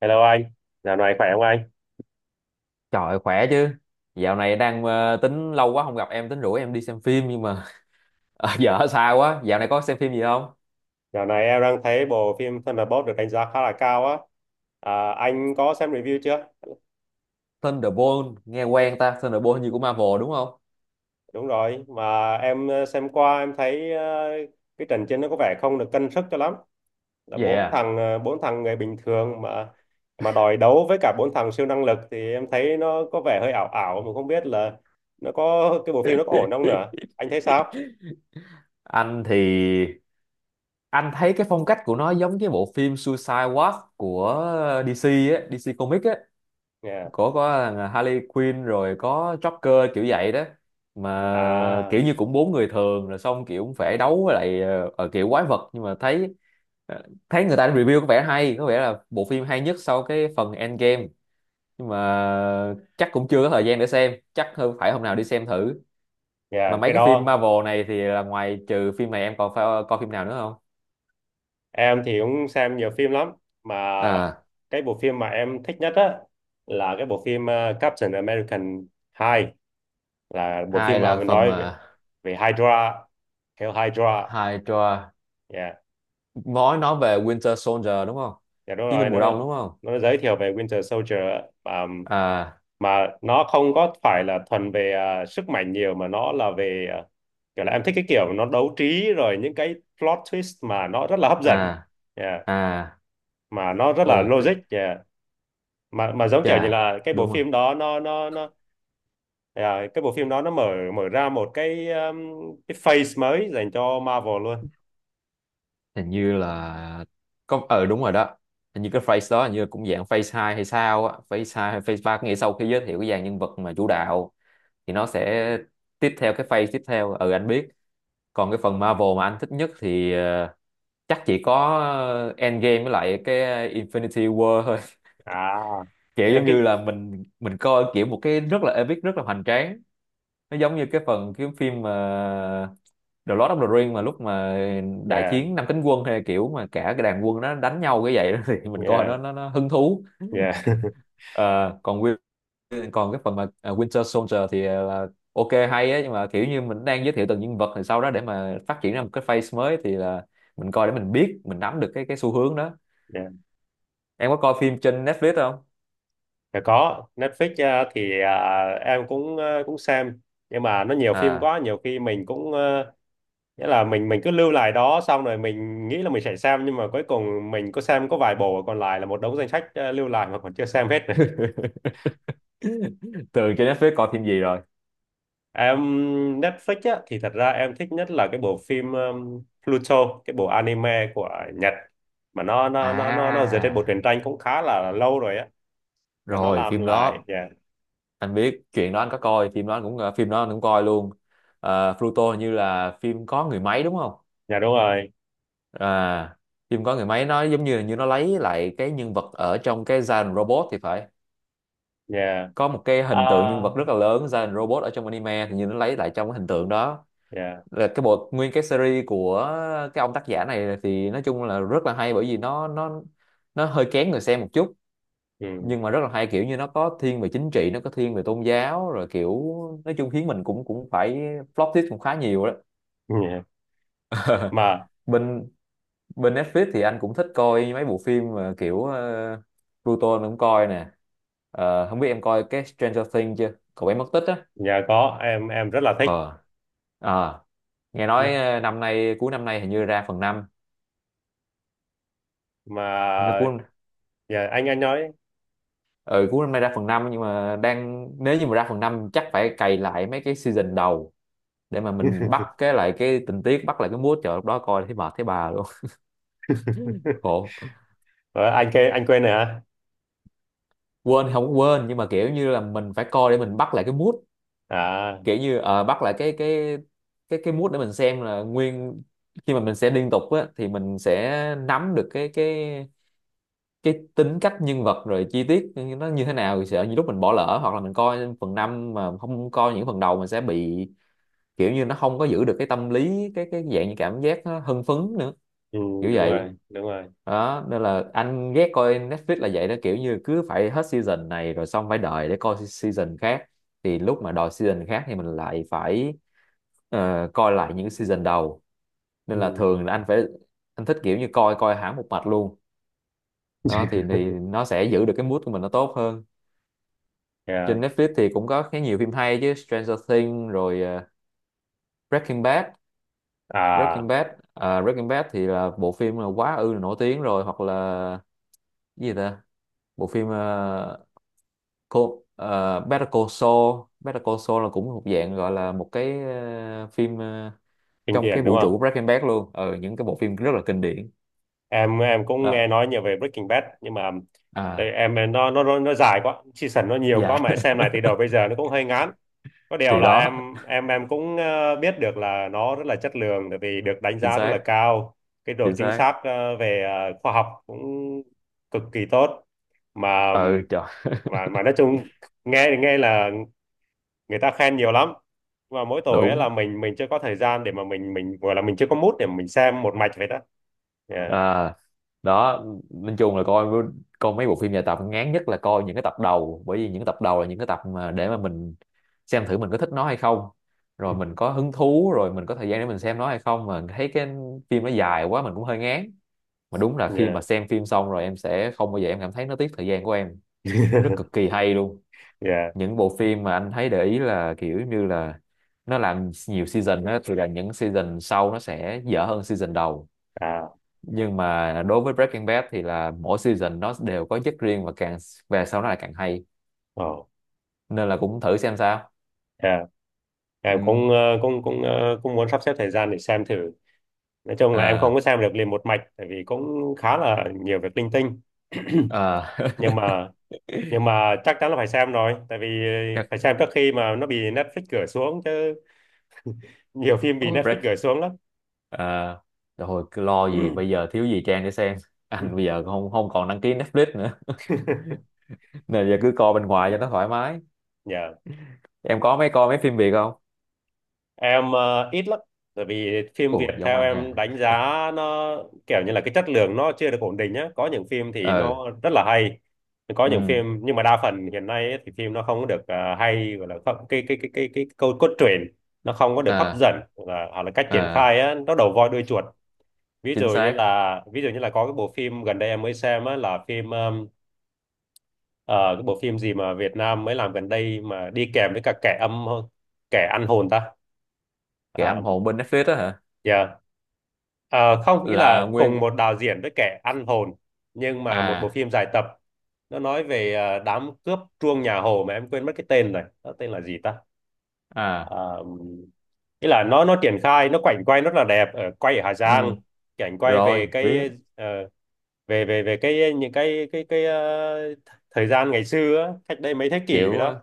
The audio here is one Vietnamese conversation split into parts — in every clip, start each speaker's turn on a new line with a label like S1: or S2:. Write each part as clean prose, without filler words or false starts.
S1: Hello anh, dạo này khỏe không anh?
S2: Trời khỏe chứ. Dạo này đang tính lâu quá không gặp em tính rủ em đi xem phim nhưng mà giờ ở xa quá. Dạo này có xem phim gì không?
S1: Dạo này em đang thấy bộ phim Thunderbolt được đánh giá khá là cao á. À, anh có xem review chưa?
S2: Thunderbolt nghe quen ta, Thunderbolt như của Marvel đúng không?
S1: Đúng rồi, mà em xem qua em thấy cái trận chiến nó có vẻ không được cân sức cho lắm. Là bốn
S2: Yeah.
S1: thằng bốn thằng người bình thường mà đòi đấu với cả bốn thằng siêu năng lực thì em thấy nó có vẻ hơi ảo ảo mà không biết là nó có cái bộ phim nó có ổn không nữa. Anh thấy sao?
S2: Anh thì anh thấy cái phong cách của nó giống cái bộ phim Suicide Squad của DC á, DC Comics á.
S1: Yeah.
S2: Có thằng Harley Quinn rồi có Joker kiểu vậy đó, mà
S1: À,
S2: kiểu như cũng bốn người thường rồi xong kiểu cũng phải đấu với lại kiểu quái vật, nhưng mà thấy ờ, thấy người ta review có vẻ hay, có vẻ là bộ phim hay nhất sau cái phần Endgame, nhưng mà chắc cũng chưa có thời gian để xem, chắc hơn phải hôm nào đi xem thử. Mà
S1: yeah,
S2: mấy
S1: cái
S2: cái phim
S1: đó
S2: Marvel này thì là ngoài trừ phim này em còn phải coi phim nào nữa không?
S1: em thì cũng xem nhiều phim lắm mà
S2: À,
S1: cái bộ phim mà em thích nhất á là cái bộ phim Captain American 2 là bộ phim
S2: hai
S1: mà
S2: là phần
S1: nói về
S2: mà
S1: về Hydra, Hell Hydra,
S2: Hydra,
S1: yeah.
S2: nói về Winter Soldier đúng không,
S1: Dạ đúng
S2: chiến
S1: rồi,
S2: binh mùa
S1: nó
S2: đông đúng không?
S1: nó giới thiệu về Winter Soldier á. mà
S2: À,
S1: mà nó không có phải là thuần về sức mạnh nhiều mà nó là về kiểu là em thích cái kiểu nó đấu trí rồi những cái plot twist mà nó rất là hấp dẫn,
S2: à,
S1: yeah.
S2: à,
S1: Mà nó rất là
S2: ồ,
S1: logic, yeah. Mà giống kiểu như
S2: chà,
S1: là cái
S2: đúng
S1: bộ
S2: rồi.
S1: phim đó nó à, cái bộ phim đó nó mở mở ra một cái phase mới dành cho Marvel luôn.
S2: Hình như là có đúng rồi đó. Hình như cái phrase đó hình như cũng dạng phase 2 hay sao á, phase 2 hay phase ba, có nghĩa sau khi giới thiệu cái dàn nhân vật mà chủ đạo thì nó sẽ tiếp theo cái phase tiếp theo, ừ anh biết. Còn cái phần Marvel mà anh thích nhất thì chắc chỉ có Endgame với lại cái Infinity War thôi.
S1: À,
S2: Kiểu
S1: cái
S2: giống như
S1: cái-
S2: là mình coi kiểu một cái rất là epic, rất là hoành tráng. Nó giống như cái phần cái phim mà The Lord of the Rings mà lúc mà đại
S1: yeah,
S2: chiến năm cánh quân, hay kiểu mà cả cái đàn quân nó đánh nhau cái vậy đó, thì mình coi
S1: yeah,
S2: nó hứng thú.
S1: yeah.
S2: Ờ, còn còn cái phần mà Winter Soldier thì là ok hay á, nhưng mà kiểu như mình đang giới thiệu từng nhân vật thì sau đó để mà phát triển ra một cái phase mới thì là mình coi để mình biết, mình nắm được cái xu hướng đó.
S1: Yeah.
S2: Em có coi phim trên Netflix không?
S1: Dạ, có Netflix. À, em cũng cũng xem nhưng mà nó nhiều phim
S2: À.
S1: quá, nhiều khi mình cũng nghĩa là mình cứ lưu lại đó xong rồi mình nghĩ là mình sẽ xem nhưng mà cuối cùng mình có xem có vài bộ, còn lại là một đống danh sách lưu lại mà còn chưa xem hết.
S2: Thường trên Netflix coi phim gì rồi?
S1: Em Netflix á, thì thật ra em thích nhất là cái bộ phim Pluto, cái bộ anime của Nhật mà nó dựa trên bộ
S2: À,
S1: truyện tranh cũng khá là lâu rồi á mà nó
S2: rồi
S1: làm
S2: phim
S1: lại,
S2: đó
S1: yeah.
S2: anh biết chuyện đó, anh có coi phim đó, anh cũng phim đó anh cũng coi luôn. Pluto hình như là phim có người máy đúng không?
S1: Dạ đúng rồi.
S2: À, phim có người máy nó giống như là như nó lấy lại cái nhân vật ở trong cái Giant Robot thì phải.
S1: Yeah.
S2: Có một cái hình tượng nhân
S1: À,
S2: vật rất là lớn, Giant Robot ở trong anime thì như nó lấy lại trong cái hình tượng đó.
S1: yeah.
S2: Là cái bộ nguyên cái series của cái ông tác giả này thì nói chung là rất là hay, bởi vì nó hơi kén người xem một chút,
S1: Ừ.
S2: nhưng mà rất là hay. Kiểu như nó có thiên về chính trị, nó có thiên về tôn giáo, rồi kiểu nói chung khiến mình cũng cũng phải flop tip cũng khá nhiều đó.
S1: Yeah. Mà
S2: Bên bên Netflix thì anh cũng thích coi mấy bộ phim mà kiểu Pluto anh cũng coi nè. Không biết em coi cái Stranger Things chưa, cậu bé mất tích á?
S1: dạ có, em rất là thích.
S2: ờ à, nghe nói
S1: Nó-
S2: năm nay cuối năm nay hình như ra phần năm.
S1: Mà
S2: nó cuối
S1: dạ anh nói.
S2: ừ, Cuối năm nay ra phần năm, nhưng mà đang nếu như mà ra phần 5 chắc phải cày lại mấy cái season đầu để mà mình bắt cái lại cái tình tiết, bắt lại cái mood, trời lúc đó coi thấy mệt thấy bà luôn. Khổ,
S1: Ờ, anh quên rồi hả?
S2: quên thì không quên, nhưng mà kiểu như là mình phải coi để mình bắt lại cái mood.
S1: À,
S2: Kiểu như bắt lại cái mood để mình xem là nguyên, khi mà mình sẽ liên tục á thì mình sẽ nắm được cái tính cách nhân vật rồi chi tiết nó như thế nào. Thì sợ như lúc mình bỏ lỡ hoặc là mình coi phần 5 mà không coi những phần đầu mình sẽ bị kiểu như nó không có giữ được cái tâm lý, cái dạng như cảm giác nó hưng phấn nữa,
S1: ừ,
S2: kiểu
S1: đúng
S2: vậy
S1: rồi, đúng rồi.
S2: đó. Nên là anh ghét coi Netflix là vậy đó, kiểu như cứ phải hết season này rồi xong phải đợi để coi season khác, thì lúc mà đòi season khác thì mình lại phải coi lại những season đầu. Nên
S1: Ừ.
S2: là thường là anh thích kiểu như coi coi hẳn một mạch luôn. Đó thì, nó sẽ giữ được cái mood của mình nó tốt hơn.
S1: Yeah.
S2: Trên Netflix thì cũng có khá nhiều phim hay chứ, Stranger Things rồi Breaking Bad, Breaking
S1: À,
S2: Bad Breaking Bad thì là bộ phim là quá ư là nổi tiếng rồi, hoặc là cái gì ta, bộ phim cô Better Call Saul, là cũng một dạng gọi là một cái phim
S1: kinh
S2: trong cái
S1: điển đúng
S2: vũ trụ
S1: không?
S2: của Breaking Bad luôn. Ờ những cái bộ phim rất là kinh điển,
S1: Em cũng nghe
S2: đó.
S1: nói nhiều về Breaking Bad nhưng mà tại
S2: À,
S1: em nó dài quá, season nó nhiều
S2: dạ.
S1: quá mà xem lại từ đầu bây giờ nó cũng hơi ngán. Có điều
S2: Thì
S1: là
S2: đó,
S1: em cũng biết được là nó rất là chất lượng tại vì được đánh
S2: chính
S1: giá rất là
S2: xác,
S1: cao, cái độ
S2: chính
S1: chính
S2: xác,
S1: xác về khoa học cũng cực kỳ tốt. mà
S2: ừ trời,
S1: mà mà nói chung, nghe thì nghe là người ta khen nhiều lắm, mà mỗi tội ấy
S2: đúng,
S1: là mình chưa có thời gian để mà mình gọi là mình chưa có mood để mình xem một mạch vậy đó. Yeah,
S2: à, đó. Nói chung là coi coi mấy bộ phim dài tập ngán nhất là coi những cái tập đầu, bởi vì những tập đầu là những cái tập mà để mà mình xem thử mình có thích nó hay không, rồi mình có hứng thú, rồi mình có thời gian để mình xem nó hay không. Mà thấy cái phim nó dài quá mình cũng hơi ngán. Mà đúng là khi
S1: yeah.
S2: mà xem phim xong rồi em sẽ không bao giờ em cảm thấy nó tiếc thời gian của em, nó rất cực kỳ hay luôn.
S1: Yeah.
S2: Những bộ phim mà anh thấy để ý là kiểu như là nó làm nhiều season á, thì là những season sau nó sẽ dở hơn season đầu,
S1: À,
S2: nhưng mà đối với Breaking Bad thì là mỗi season nó đều có chất riêng và càng về sau nó lại càng hay,
S1: ồ,
S2: nên là cũng thử xem sao.
S1: à, em
S2: Ừ.
S1: cũng cũng cũng cũng muốn sắp xếp thời gian để xem thử. Nói chung là em không
S2: À,
S1: có xem được liền một mạch, tại vì cũng khá là nhiều việc linh tinh.
S2: à.
S1: Nhưng mà nhưng mà chắc chắn là phải xem rồi, tại vì
S2: Chắc,
S1: phải xem trước khi mà nó bị Netflix gửi xuống chứ, nhiều phim bị
S2: ôi,
S1: Netflix gửi xuống lắm.
S2: à, rồi cứ lo gì bây giờ thiếu gì Trang để xem. Anh bây giờ không không còn đăng ký Netflix nữa. Nên giờ cứ coi bên ngoài cho nó thoải mái.
S1: Dạ.
S2: Em có mấy coi mấy phim Việt không?
S1: Em ít lắm, bởi vì phim Việt
S2: Ủa giống
S1: theo
S2: anh
S1: em
S2: hả?
S1: đánh giá nó kiểu như là cái chất lượng nó chưa được ổn định nhá, có những phim thì
S2: Ừ,
S1: nó rất là hay, có những
S2: ừ,
S1: phim nhưng mà đa phần hiện nay ấy, thì phim nó không có được hay gọi là không- cái câu cốt truyện nó không có được hấp
S2: à,
S1: dẫn, hoặc là cách triển
S2: à,
S1: khai á, nó đầu voi đuôi chuột. ví
S2: chính
S1: dụ như
S2: xác.
S1: là ví dụ như là có cái bộ phim gần đây em mới xem á, là phim ờ, cái bộ phim gì mà Việt Nam mới làm gần đây mà đi kèm với cả kẻ âm, kẻ ăn hồn ta.
S2: Kẻ
S1: À,
S2: âm hồn bên Netflix đó hả?
S1: yeah. Ờ, không nghĩ
S2: Là
S1: là
S2: nguyên,
S1: cùng một đạo diễn với kẻ ăn hồn, nhưng mà một bộ
S2: à,
S1: phim dài tập nó nói về đám cướp truông nhà Hồ mà em quên mất cái tên rồi, nó tên là gì ta.
S2: à,
S1: Ờ, ý là nó triển khai nó quảnh quay rất là đẹp, ở quay ở Hà Giang,
S2: ừ,
S1: cảnh quay
S2: rồi
S1: về
S2: biết.
S1: cái ờ, về về về cái những cái thời gian ngày xưa á, cách đây mấy thế kỷ vậy
S2: kiểu
S1: đó.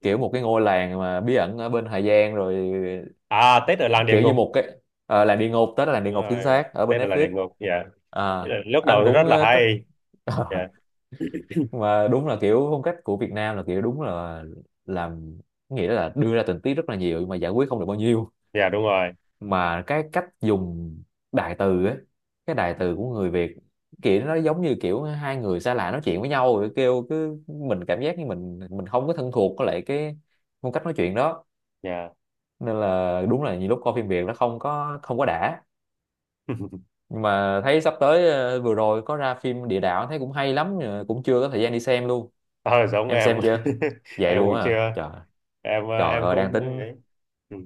S1: Ừ.
S2: kiểu một cái ngôi làng mà bí ẩn ở bên Hà Giang, rồi
S1: À, Tết ở làng địa
S2: kiểu như
S1: ngục.
S2: một cái làng địa ngục, tết là làng địa
S1: Đúng
S2: ngục, chính
S1: rồi,
S2: xác ở bên
S1: Tết ở làng
S2: Netflix.
S1: địa ngục, dạ.
S2: À,
S1: Nghĩa là lúc
S2: anh
S1: đầu nó
S2: cũng
S1: rất là
S2: thích.
S1: hay. Dạ.
S2: Mà đúng là kiểu phong cách của Việt Nam là kiểu đúng là làm, nghĩa là đưa ra tình tiết rất là nhiều nhưng mà giải quyết không được bao nhiêu.
S1: Dạ đúng rồi.
S2: Mà cái cách dùng đại từ ấy, cái đại từ của người Việt, kiểu nó giống như kiểu hai người xa lạ nói chuyện với nhau, rồi kêu cứ mình cảm giác như mình không có thân thuộc với lại cái phong cách nói chuyện đó.
S1: Dạ.
S2: Nên là đúng là nhiều lúc coi phim Việt nó không có đã. Nhưng mà thấy sắp tới vừa rồi có ra phim Địa Đạo thấy cũng hay lắm, nhưng mà cũng chưa có thời gian đi xem luôn.
S1: Ờ giống
S2: Em
S1: em.
S2: xem chưa? Vậy
S1: Em
S2: luôn
S1: cũng
S2: á hả?
S1: chưa,
S2: Trời,
S1: em
S2: trời
S1: em
S2: ơi, đang
S1: cũng
S2: tính
S1: ấy. Ừ.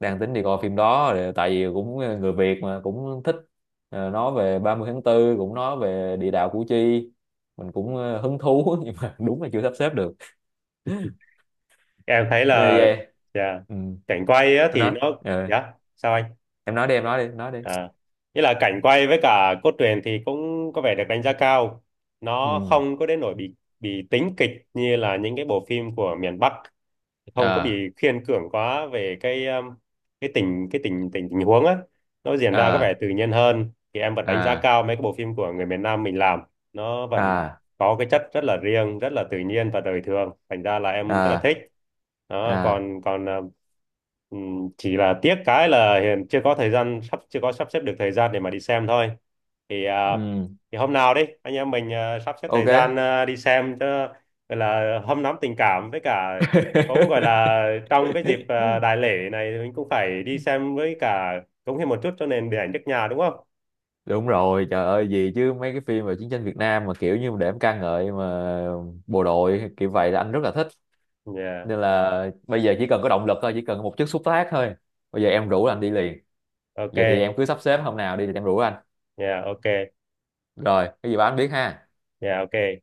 S2: đi coi phim đó. Ờ, tại vì cũng người Việt mà cũng thích nói về ba mươi tháng 4, cũng nói về Địa Đạo Củ Chi, mình cũng hứng thú, nhưng mà đúng là chưa sắp xếp được,
S1: Em thấy
S2: nên
S1: là
S2: vậy.
S1: dạ
S2: Ừ.
S1: cảnh quay á
S2: Em
S1: thì
S2: nói
S1: nó,
S2: ờ,
S1: dạ sao anh?
S2: em nói đi, em nói đi, em nói đi.
S1: À, nghĩa là cảnh quay với cả cốt truyện thì cũng có vẻ được đánh giá cao.
S2: Ừ,
S1: Nó không có đến nỗi bị tính kịch như là những cái bộ phim của miền Bắc, không có
S2: à,
S1: bị khiên cưỡng quá về cái tình tình tình huống á. Nó diễn ra có vẻ
S2: à,
S1: tự nhiên hơn. Thì em vẫn đánh giá
S2: à,
S1: cao mấy cái bộ phim của người miền Nam mình làm. Nó vẫn
S2: à,
S1: có cái chất rất là riêng, rất là tự nhiên và đời thường. Thành ra là em rất là thích.
S2: à,
S1: Đó,
S2: à,
S1: còn còn à, ừ, chỉ là tiếc cái là hiện chưa có thời gian sắp chưa có sắp xếp được thời gian để mà đi xem thôi, thì à,
S2: ừ,
S1: thì hôm nào đi anh em mình sắp xếp thời gian
S2: ok.
S1: đi xem cho, gọi là hâm nóng tình cảm với cả, cũng gọi là, trong cái dịp đại lễ này thì mình cũng phải đi xem với cả cống hiến một chút cho nền điện ảnh nước nhà đúng không?
S2: Đúng rồi, trời ơi, gì chứ mấy cái phim về chiến tranh Việt Nam mà kiểu như để em ca ngợi mà bộ đội kiểu vậy là anh rất là thích.
S1: Yeah.
S2: Nên là bây giờ chỉ cần có động lực thôi, chỉ cần một chút xúc tác thôi, bây giờ em rủ anh đi liền. Vậy thì
S1: Ok.
S2: em cứ sắp xếp hôm nào đi thì em rủ anh,
S1: Yeah, ok.
S2: rồi cái gì báo anh biết ha.
S1: Yeah, ok.